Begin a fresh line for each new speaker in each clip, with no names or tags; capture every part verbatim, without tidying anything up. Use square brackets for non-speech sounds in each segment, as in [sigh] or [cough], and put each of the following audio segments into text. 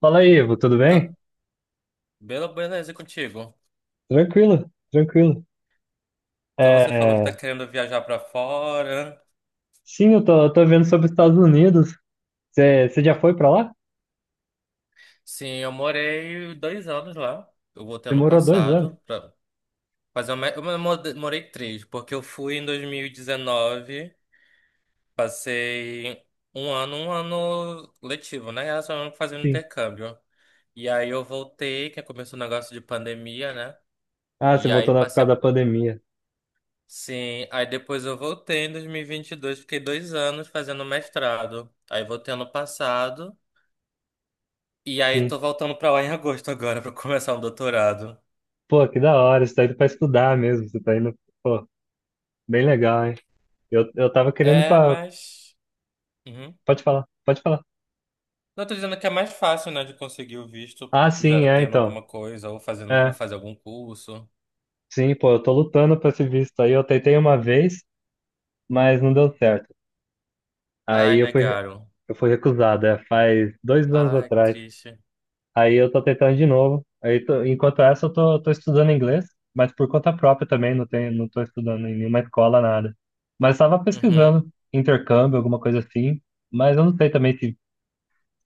Fala aí, Ivo, tudo
Tá.
bem?
Bela beleza, e contigo?
Tranquilo, tranquilo.
Então você falou que tá
É,
querendo viajar pra fora.
sim, eu tô, eu tô vendo sobre os Estados Unidos. Você já foi pra lá?
Sim, eu morei dois anos lá. Eu voltei
Você
ano
morou dois anos?
passado pra fazer uma. Eu mo- morei três, porque eu fui em dois mil e dezenove, passei um ano, um ano letivo, né? Era só fazendo
Sim.
intercâmbio. E aí eu voltei, que começou o negócio de pandemia, né?
Ah, você
E aí
voltou na, por
passei
causa
a.
da pandemia.
Sim, aí depois eu voltei em dois mil e e vinte e dois, fiquei dois anos fazendo mestrado. Aí voltei ano passado. E aí
Sim.
tô voltando pra lá em agosto agora pra começar o doutorado.
Pô, que da hora, você tá indo pra estudar mesmo. Você tá indo. Pô, bem legal, hein? Eu, eu tava querendo
É,
pra.
mas. Uhum.
Pode falar, pode falar.
Não tô dizendo que é mais fácil, né, de conseguir o visto
Ah, sim,
já
é,
tendo
então.
alguma coisa ou fazendo,
É,
fazer algum curso.
sim, pô, eu tô lutando pra esse visto aí. Eu tentei uma vez, mas não deu certo. Aí
Ai,
eu fui,
negaram.
eu fui recusado, é, faz dois anos
Ai, que
atrás.
triste.
Aí eu tô tentando de novo. Aí tô- enquanto essa, eu tô, tô estudando inglês, mas por conta própria também, não tem, não tô estudando em nenhuma escola, nada. Mas estava
Uhum.
pesquisando intercâmbio, alguma coisa assim, mas eu não sei também se,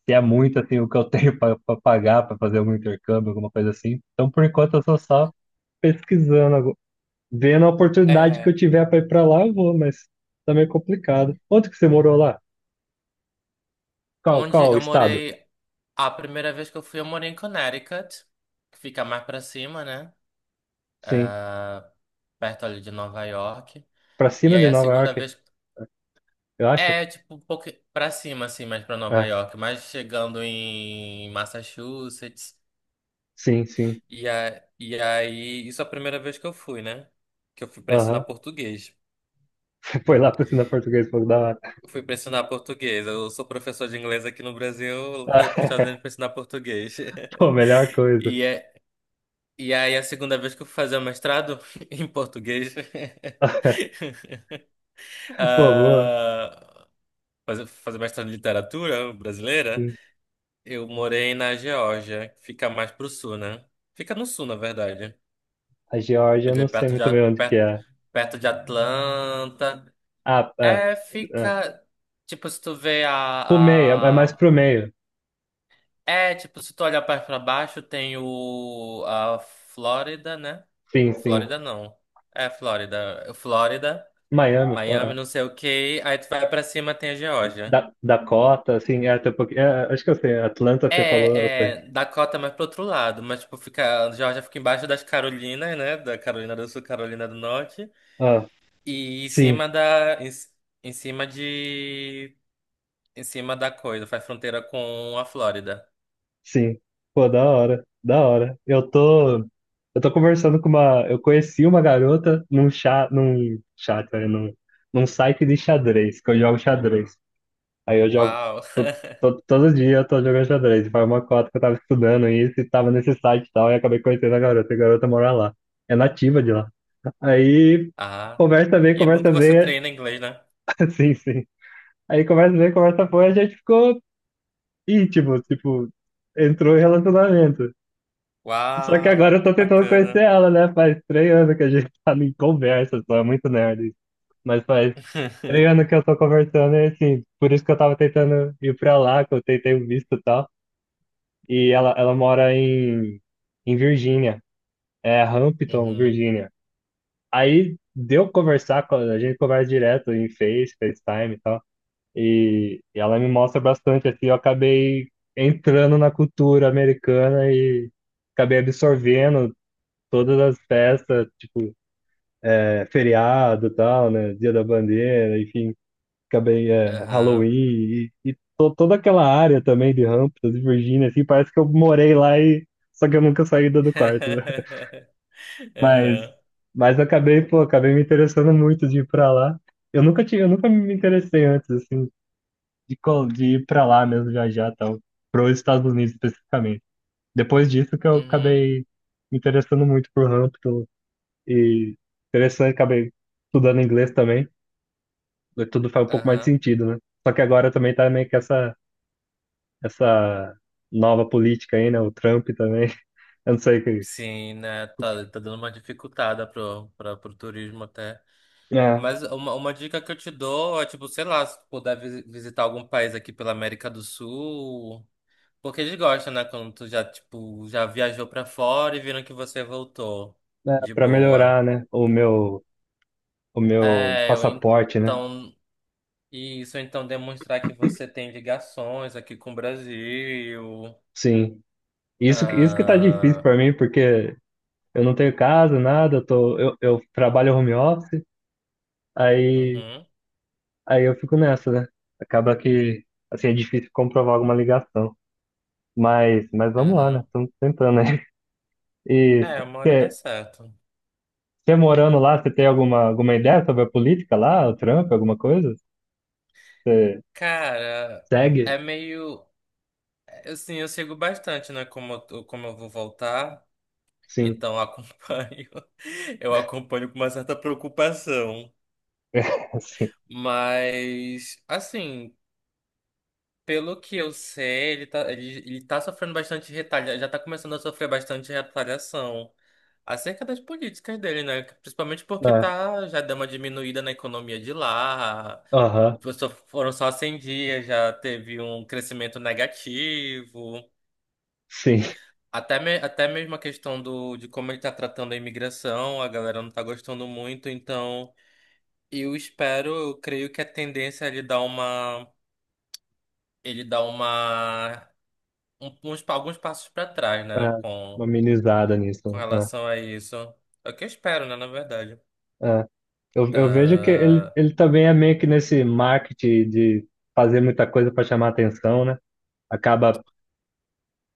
se é muito assim o que eu tenho [laughs] para pagar para fazer algum intercâmbio, alguma coisa assim. Então, por enquanto, eu tô só pesquisando, algu- vendo a oportunidade que eu
É.
tiver para ir para lá, eu vou, mas tá meio complicado. Onde que você morou lá? Qual,
Onde
qual
eu
estado?
morei. A primeira vez que eu fui, eu morei em Connecticut, que fica mais pra cima, né?
Sim,
Ah, perto ali de Nova York.
para
E
cima
aí
de
a
Nova
segunda
York,
vez.
eu acho.
É, tipo, um pouco pra cima, assim, mais pra Nova
É,
York, mas chegando em Massachusetts.
sim, sim.
E, a, e aí, isso é a primeira vez que eu fui, né? Que eu fui pra ensinar
Aham.
português.
[laughs] Foi lá pra ensinar português, pô, da hora.
Eu fui pra ensinar português. Eu sou professor de inglês aqui no Brasil, fui pros Estados Unidos pra
[laughs]
ensinar português. [laughs]
Pô, melhor coisa.
E, é, e aí, a segunda vez que eu fui fazer o mestrado [laughs] em português. [laughs]
[laughs] Pô, boa.
Ah, fazer, fazer mestrado em literatura brasileira.
Sim.
Eu morei na Geórgia, que fica mais pro sul, né? Fica no sul, na verdade.
A Geórgia, eu
Ele é
não sei
perto de,
muito
A-
bem onde que
per-
é.
perto de Atlanta.
Ah, é,
É,
é.
fica. Tipo, se tu vê
Pro meio, é é
a,
mais
a-
pro meio.
É, tipo, se tu olhar pra pra baixo, tem o. A Flórida, né?
Sim, sim.
Flórida não. É, Flórida. Flórida,
Miami, pô,
Miami,
é.
não sei o quê. Aí tu vai pra cima, tem a Geórgia.
Da, Dakota, assim, é até um pouquinho. É, é, acho que eu sei. Atlanta, você falou, eu
É,
sei.
é, Dakota mais pro outro lado, mas tipo, fica, a Georgia fica embaixo das Carolinas, né? Da Carolina do Sul, Carolina do Norte,
Ah,
e em
sim,
cima da, em, em cima de, em cima da coisa, faz fronteira com a Flórida.
sim. Pô, da hora, da hora. Eu tô, eu tô conversando com uma. Eu conheci uma garota num chat, num chat, né, num, num site de xadrez, que eu jogo xadrez. Aí eu jogo
Uau!
to,
[laughs]
to, Todo dia eu tô jogando xadrez. Foi uma cota que eu tava estudando isso e tava nesse site e tal, e acabei conhecendo a garota. E a garota mora lá. É nativa de lá. Aí
Ah,
conversa bem,
e é bom que
conversa
você
bem.
treina inglês, né?
[laughs] Sim, sim. Aí conversa bem, conversa foi, a gente ficou íntimo, tipo, entrou em relacionamento. Só que agora
Uau,
eu
que
tô tentando conhecer
bacana.
ela, né? Faz três anos que a gente [laughs] tá em conversa, só é muito nerd. Mas faz três anos
[laughs]
que eu tô conversando e assim, por isso que eu tava tentando ir pra lá, que eu tentei o visto e tal. E ela, ela mora em, em Virgínia, é Hampton,
Uhum,
Virgínia. Aí deu conversar, com- a gente conversa direto em Face, FaceTime e tal. E, e ela me mostra bastante, assim, eu acabei entrando na cultura americana e acabei absorvendo todas as festas, tipo, é, feriado e tal, né? Dia da Bandeira, enfim acabei é, Halloween
aham.
e, e to- toda aquela área também de Hamptons e Virgínia, assim, parece que eu morei lá e só que eu nunca saí do do quarto, né? [laughs]
[laughs]
Mas,
Aham,
mas eu acabei, pô, acabei me interessando muito de ir pra lá. Eu nunca tinha, eu nunca me interessei antes, assim, de, co- de ir pra lá mesmo, viajar e tal, pros Estados Unidos especificamente. Depois disso que eu
uhum,
acabei me interessando muito por Hampton e interessante, acabei estudando inglês também, tudo faz um pouco mais de
aham.
sentido, né? Só que agora também tá meio que essa essa nova política aí, né? O Trump também. [laughs] Eu não sei o que.
Sim, né? Tá, tá dando uma dificultada pro, pra, pro turismo até.
É,
Mas uma, uma dica que eu te dou é, tipo, sei lá, se tu puder visi- visitar algum país aqui pela América do Sul. Porque eles gostam, né? Quando tu já, tipo, já viajou pra fora e viram que você voltou
né,
de
para
boa.
melhorar, né? O meu, o meu
É, ou
passaporte, né?
então. Isso, ou então demonstrar que você tem ligações aqui com o Brasil.
Sim. Isso, que- isso que tá difícil
Ah,
para mim, porque eu não tenho casa, nada, eu tô, eu, eu trabalho home office, aí,
uhum,
aí eu fico nessa, né? Acaba que, assim, é difícil comprovar alguma ligação. Mas, mas vamos lá, né?
uhum.
Estamos tentando, né? [laughs] E
É, uma hora dá
você
certo.
morando lá, você tem alguma, alguma ideia sobre a política lá, o Trump, alguma coisa?
Cara,
Segue?
é meio. é, Assim, eu sigo bastante, né? Como, eu- tô- como eu vou voltar,
Sim.
então eu acompanho. [laughs] Eu acompanho com uma certa preocupação.
[laughs] Sim.
Mas, assim, pelo que eu sei, ele tá, ele, ele tá sofrendo bastante retalha, já tá começando a sofrer bastante retaliação acerca das políticas dele, né? Principalmente porque
É.
tá, já deu uma diminuída na economia de lá.
Aham.
Só- Foram só cem dias, já teve um crescimento negativo.
Sim.
Até, me- até mesmo a questão do, de como ele tá tratando a imigração, a galera não tá gostando muito, então eu espero, eu creio que a tendência é ele dar uma, ele dar uma, um- uns, pa- alguns passos para trás,
É.
né,
Uma
com,
amenizada
com
nisso, né?
relação a isso. É o que eu espero, né, na verdade.
É. É. Eu, eu vejo que ele,
Ah,
ele também é meio que nesse marketing de fazer muita coisa para chamar atenção, né? Acaba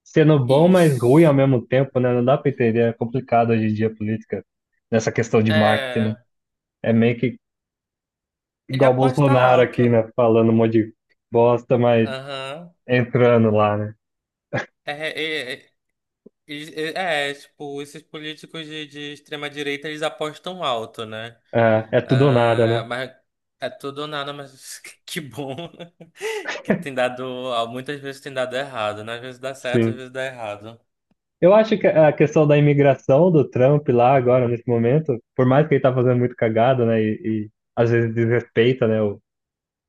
sendo bom, mas ruim ao
isso.
mesmo tempo, né? Não dá para entender. É complicado hoje em dia a política nessa questão de marketing, né?
É,
É meio que
ele
igual o
aposta
Bolsonaro
alto.
aqui, né? Falando um monte de bosta, mas
Aham.
entrando lá, né?
É, é, é, é, é, é, tipo, esses políticos de, de extrema direita, eles apostam alto, né?
É, é tudo ou nada,
Ah,
né?
mas é tudo ou nada, mas [laughs] que bom [laughs] que tem dado. ah, Muitas vezes tem dado errado, né? Às vezes dá certo, às
Sim.
vezes dá errado.
Eu acho que a questão da imigração do Trump lá agora, nesse momento, por mais que ele tá fazendo muito cagada, né, e, e às vezes desrespeita, né, o-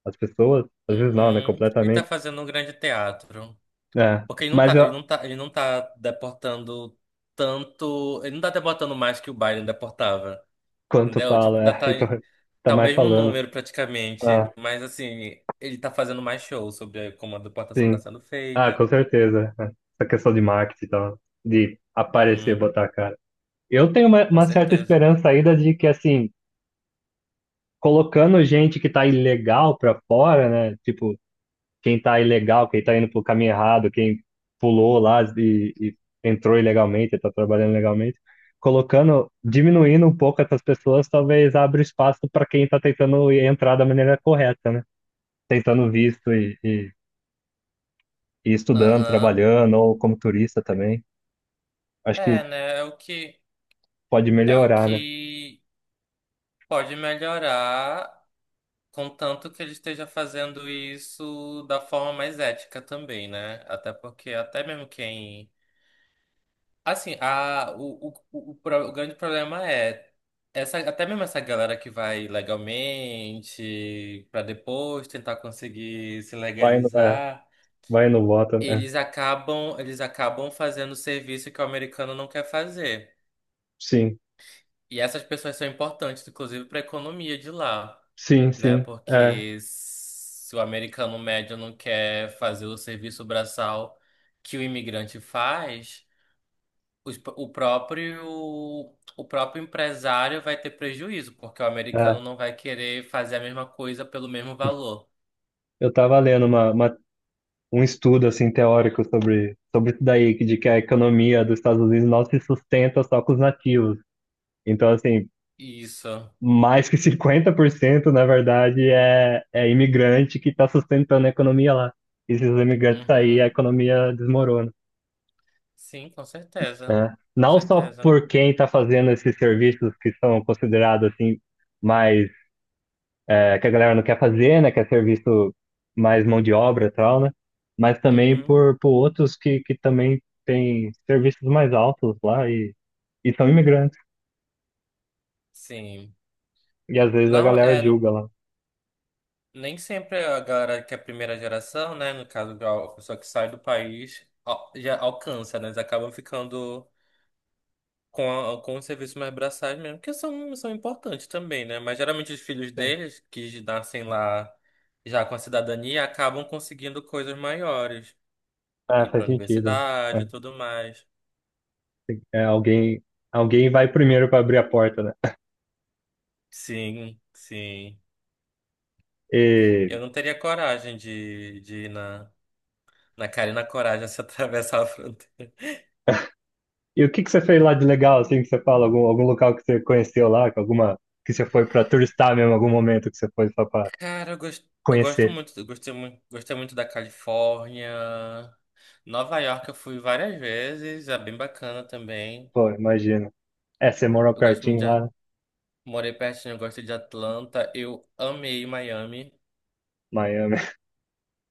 as pessoas, às vezes não, né,
Uhum. E tá
completamente,
fazendo um grande teatro.
né,
Porque ele não
mas
tá,
eu,
ele não tá, ele não tá deportando tanto. Ele não tá deportando mais que o Biden deportava.
quando
Entendeu? Tipo,
fala,
ainda
é, [laughs]
tá,
então, tá
tá o
mais
mesmo
falando,
número praticamente.
ah,
Mas assim, ele tá fazendo mais show sobre como a deportação tá
sim,
sendo
ah,
feita.
com certeza, né, essa questão de marketing e tal, de aparecer,
Uhum,
botar a cara. Eu tenho uma,
com
uma certa
certeza.
esperança ainda de que, assim, colocando gente que tá ilegal pra fora, né, tipo, quem tá ilegal, quem tá indo pro caminho errado, quem pulou lá e, e entrou ilegalmente, tá trabalhando ilegalmente, colocando, diminuindo um pouco essas pessoas, talvez abra espaço para quem tá tentando entrar da maneira correta, né? Tentando visto e, e, e estudando,
Aham.
trabalhando, ou como turista também. Acho que
É, né? É o que
pode
é o
melhorar, né?
que pode melhorar, contanto que ele esteja fazendo isso da forma mais ética também, né? Até porque até mesmo quem assim, a o, o, o, o pro- o grande problema é essa até mesmo essa galera que vai legalmente para depois tentar conseguir se
Vai no, é,
legalizar,
vai no voto, é.
eles acabam eles acabam fazendo serviço que o americano não quer fazer.
Sim,
E essas pessoas são importantes, inclusive, para a economia de lá,
sim,
né?
sim. É,
Porque se o americano médio não quer fazer o serviço braçal que o imigrante faz, os- o próprio, o próprio empresário vai ter prejuízo, porque o
é.
americano não vai querer fazer a mesma coisa pelo mesmo valor.
Eu tava lendo uma, uma um estudo assim teórico sobre sobre isso daí, que- de que a economia dos Estados Unidos não se sustenta só com os nativos. Então, assim,
Isso.
mais que [laughs] cinquenta por cento na verdade, é, é imigrante que está sustentando a economia lá. E se os imigrantes saírem, a
Uhum.
economia desmorona,
Sim, com certeza.
né?
Com
Não só
certeza.
por quem está fazendo esses serviços que são considerados assim mais é, que a galera não quer fazer, né? Quer ser visto mais mão de obra e tal, né? Mas também
Uhum.
por, por outros que, que também têm serviços mais altos lá e, e são imigrantes.
Sim.
E às vezes a
Não,
galera
é,
julga lá.
Nem sempre a galera que é primeira geração, né? No caso, a pessoa que sai do país al- já alcança, né? Eles acabam ficando com, a- com os serviços mais braçais mesmo, que são, são importantes também, né? Mas geralmente os filhos
Sim.
deles, que nascem lá já com a cidadania, acabam conseguindo coisas maiores.
Ah,
Ir
faz
pra
sentido.
universidade
É,
e tudo mais.
tem- é, alguém, alguém vai primeiro para abrir a porta, né?
Sim, sim.
E,
Eu não teria coragem de, de ir na, na cara e na coragem [laughs] se atravessar a.
e o que que você fez lá de legal, assim, que você fala? Algum, algum local que você conheceu lá, que alguma que você foi para turistar mesmo, algum momento que você foi só para
Cara, eu gosto, eu gosto
conhecer?
muito, eu gostei muito, gostei muito da Califórnia. Nova York eu fui várias vezes, é bem bacana também.
Pô, imagina. É, você morou
Eu gosto muito
pertinho
de,
lá,
At-
né?
morei pertinho, eu gosto de Atlanta. Eu amei Miami.
Miami. [laughs]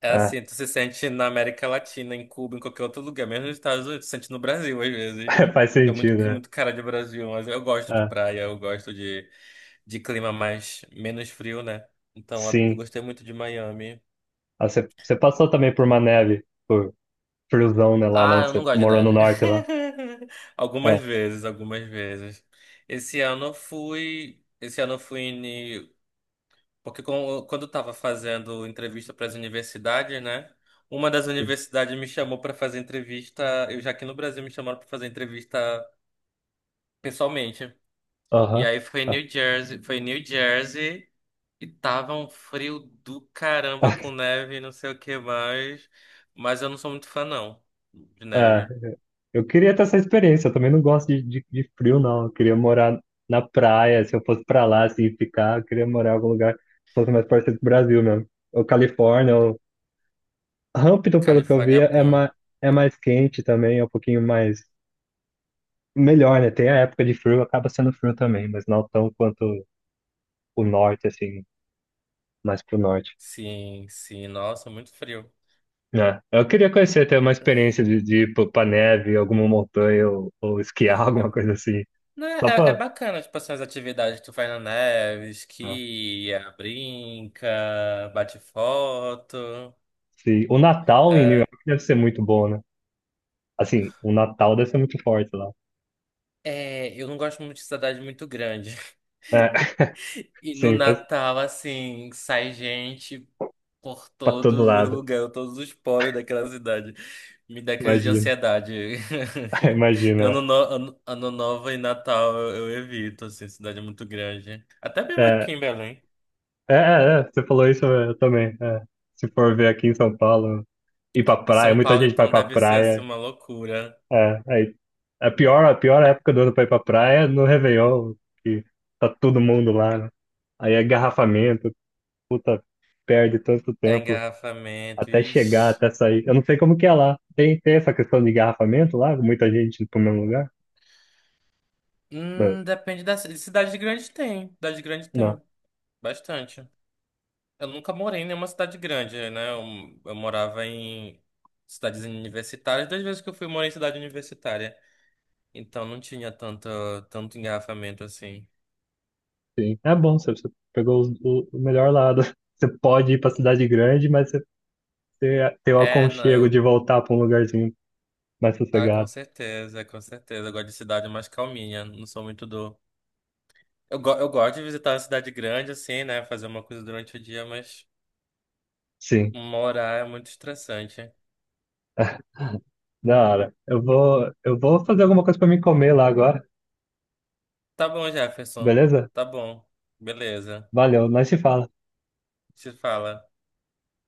É
É,
assim, tu se sente na América Latina, em Cuba, em qualquer outro lugar, mesmo nos Estados Unidos, tu se sente no Brasil às vezes.
[laughs] faz
Que é muito,
sentido,
que é
né?
muito cara de Brasil, mas eu gosto de
É,
praia, eu gosto de, de clima mais, menos frio, né? Então eu
sim.
gostei muito de Miami.
Ah, você você passou também por uma neve, por friozão, né? Lá
Ah,
onde
eu não
você
gosto de
morou no
neve.
norte lá.
[laughs] Algumas
É,
vezes, algumas vezes. Esse ano eu fui, esse ano eu fui em, porque com- quando eu tava fazendo entrevista para as universidades, né? Uma das
sim.
universidades me chamou para fazer entrevista, eu já aqui no Brasil me chamaram para fazer entrevista pessoalmente. E
Aham.
aí foi em New Jersey, foi em New Jersey e tava um frio do caramba com neve, e não sei o que mais, mas eu não sou muito fã não de
É,
neve.
[laughs] eu queria ter essa experiência. Eu também não gosto de, de, de frio, não. Eu queria morar na praia. Se eu fosse pra lá, assim, ficar, eu queria morar em algum lugar que fosse mais parecido com o Brasil mesmo. Ou Califórnia, ou Hampton, pelo que eu
Califórnia
vi,
é
é
bom.
mais, é mais quente também, é um pouquinho mais. Melhor, né? Tem a época de frio, acaba sendo frio também, mas não tão quanto o norte, assim, mais pro norte.
Sim, sim, nossa, muito frio.
É. Eu queria conhecer, ter uma experiência de, de ir pro- pra neve, alguma montanha, ou, ou esquiar, [laughs]
É,
alguma coisa assim.
né,
Só
é, é
pra.
bacana, tipo assim, as atividades que tu faz na neve,
É.
esquia, brinca, bate foto.
Se... O Natal em New
É,
York deve ser muito bom, né? Assim, o Natal deve ser muito forte lá.
é, eu não gosto muito de cidade muito grande.
É.
[laughs]
[laughs]
E no
Sim, faz
Natal, assim, sai gente por
pra todo
todos os
lado.
lugares, todos os poros daquela cidade. Me dá crise de
Imagina,
ansiedade.
[laughs]
[laughs]
imagina.
Ano, no- ano, ano novo e Natal eu, eu evito, assim, cidade muito grande. Até mesmo aqui
É,
em Belém.
é, é, é, você falou isso eu também. É. Se for ver aqui em São Paulo, ir pra
Em
praia,
São
muita
Paulo,
gente vai
então,
pra
deve ser assim
praia.
uma loucura.
É, aí, a pior, a pior época do ano pra ir pra praia é no Réveillon, que tá todo mundo lá, né? Aí é garrafamento, puta, perde tanto
É
tempo
engarrafamento.
até chegar,
Ixi.
até sair. Eu não sei como que é lá. Tem, tem essa questão de garrafamento lá? Muita gente pro mesmo lugar? Não,
Hum, depende da ci- cidade grande tem. Cidade grande
não,
tem. Bastante. Eu nunca morei em nenhuma cidade grande, né? Eu, eu morava em cidades universitárias. Das vezes que eu fui, eu morei em cidade universitária. Então não tinha tanto, tanto engarrafamento assim.
sim. É bom, você, você pegou os- o, o melhor lado. [laughs] Você pode ir pra cidade grande, mas você, você tem o
É, não,
aconchego de
eu.
voltar pra um lugarzinho mais
Ah, com
sossegado.
certeza, com certeza. Eu gosto de cidade mais calminha. Não sou muito do. Eu, go- eu gosto de visitar a cidade grande, assim, né? Fazer uma coisa durante o dia, mas.
Sim,
Morar é muito estressante.
da hora. Eu vou, eu vou fazer alguma coisa pra mim comer lá agora.
Tá bom, Jefferson.
Beleza?
Tá bom. Beleza.
Valeu, nós se fala.
Se fala.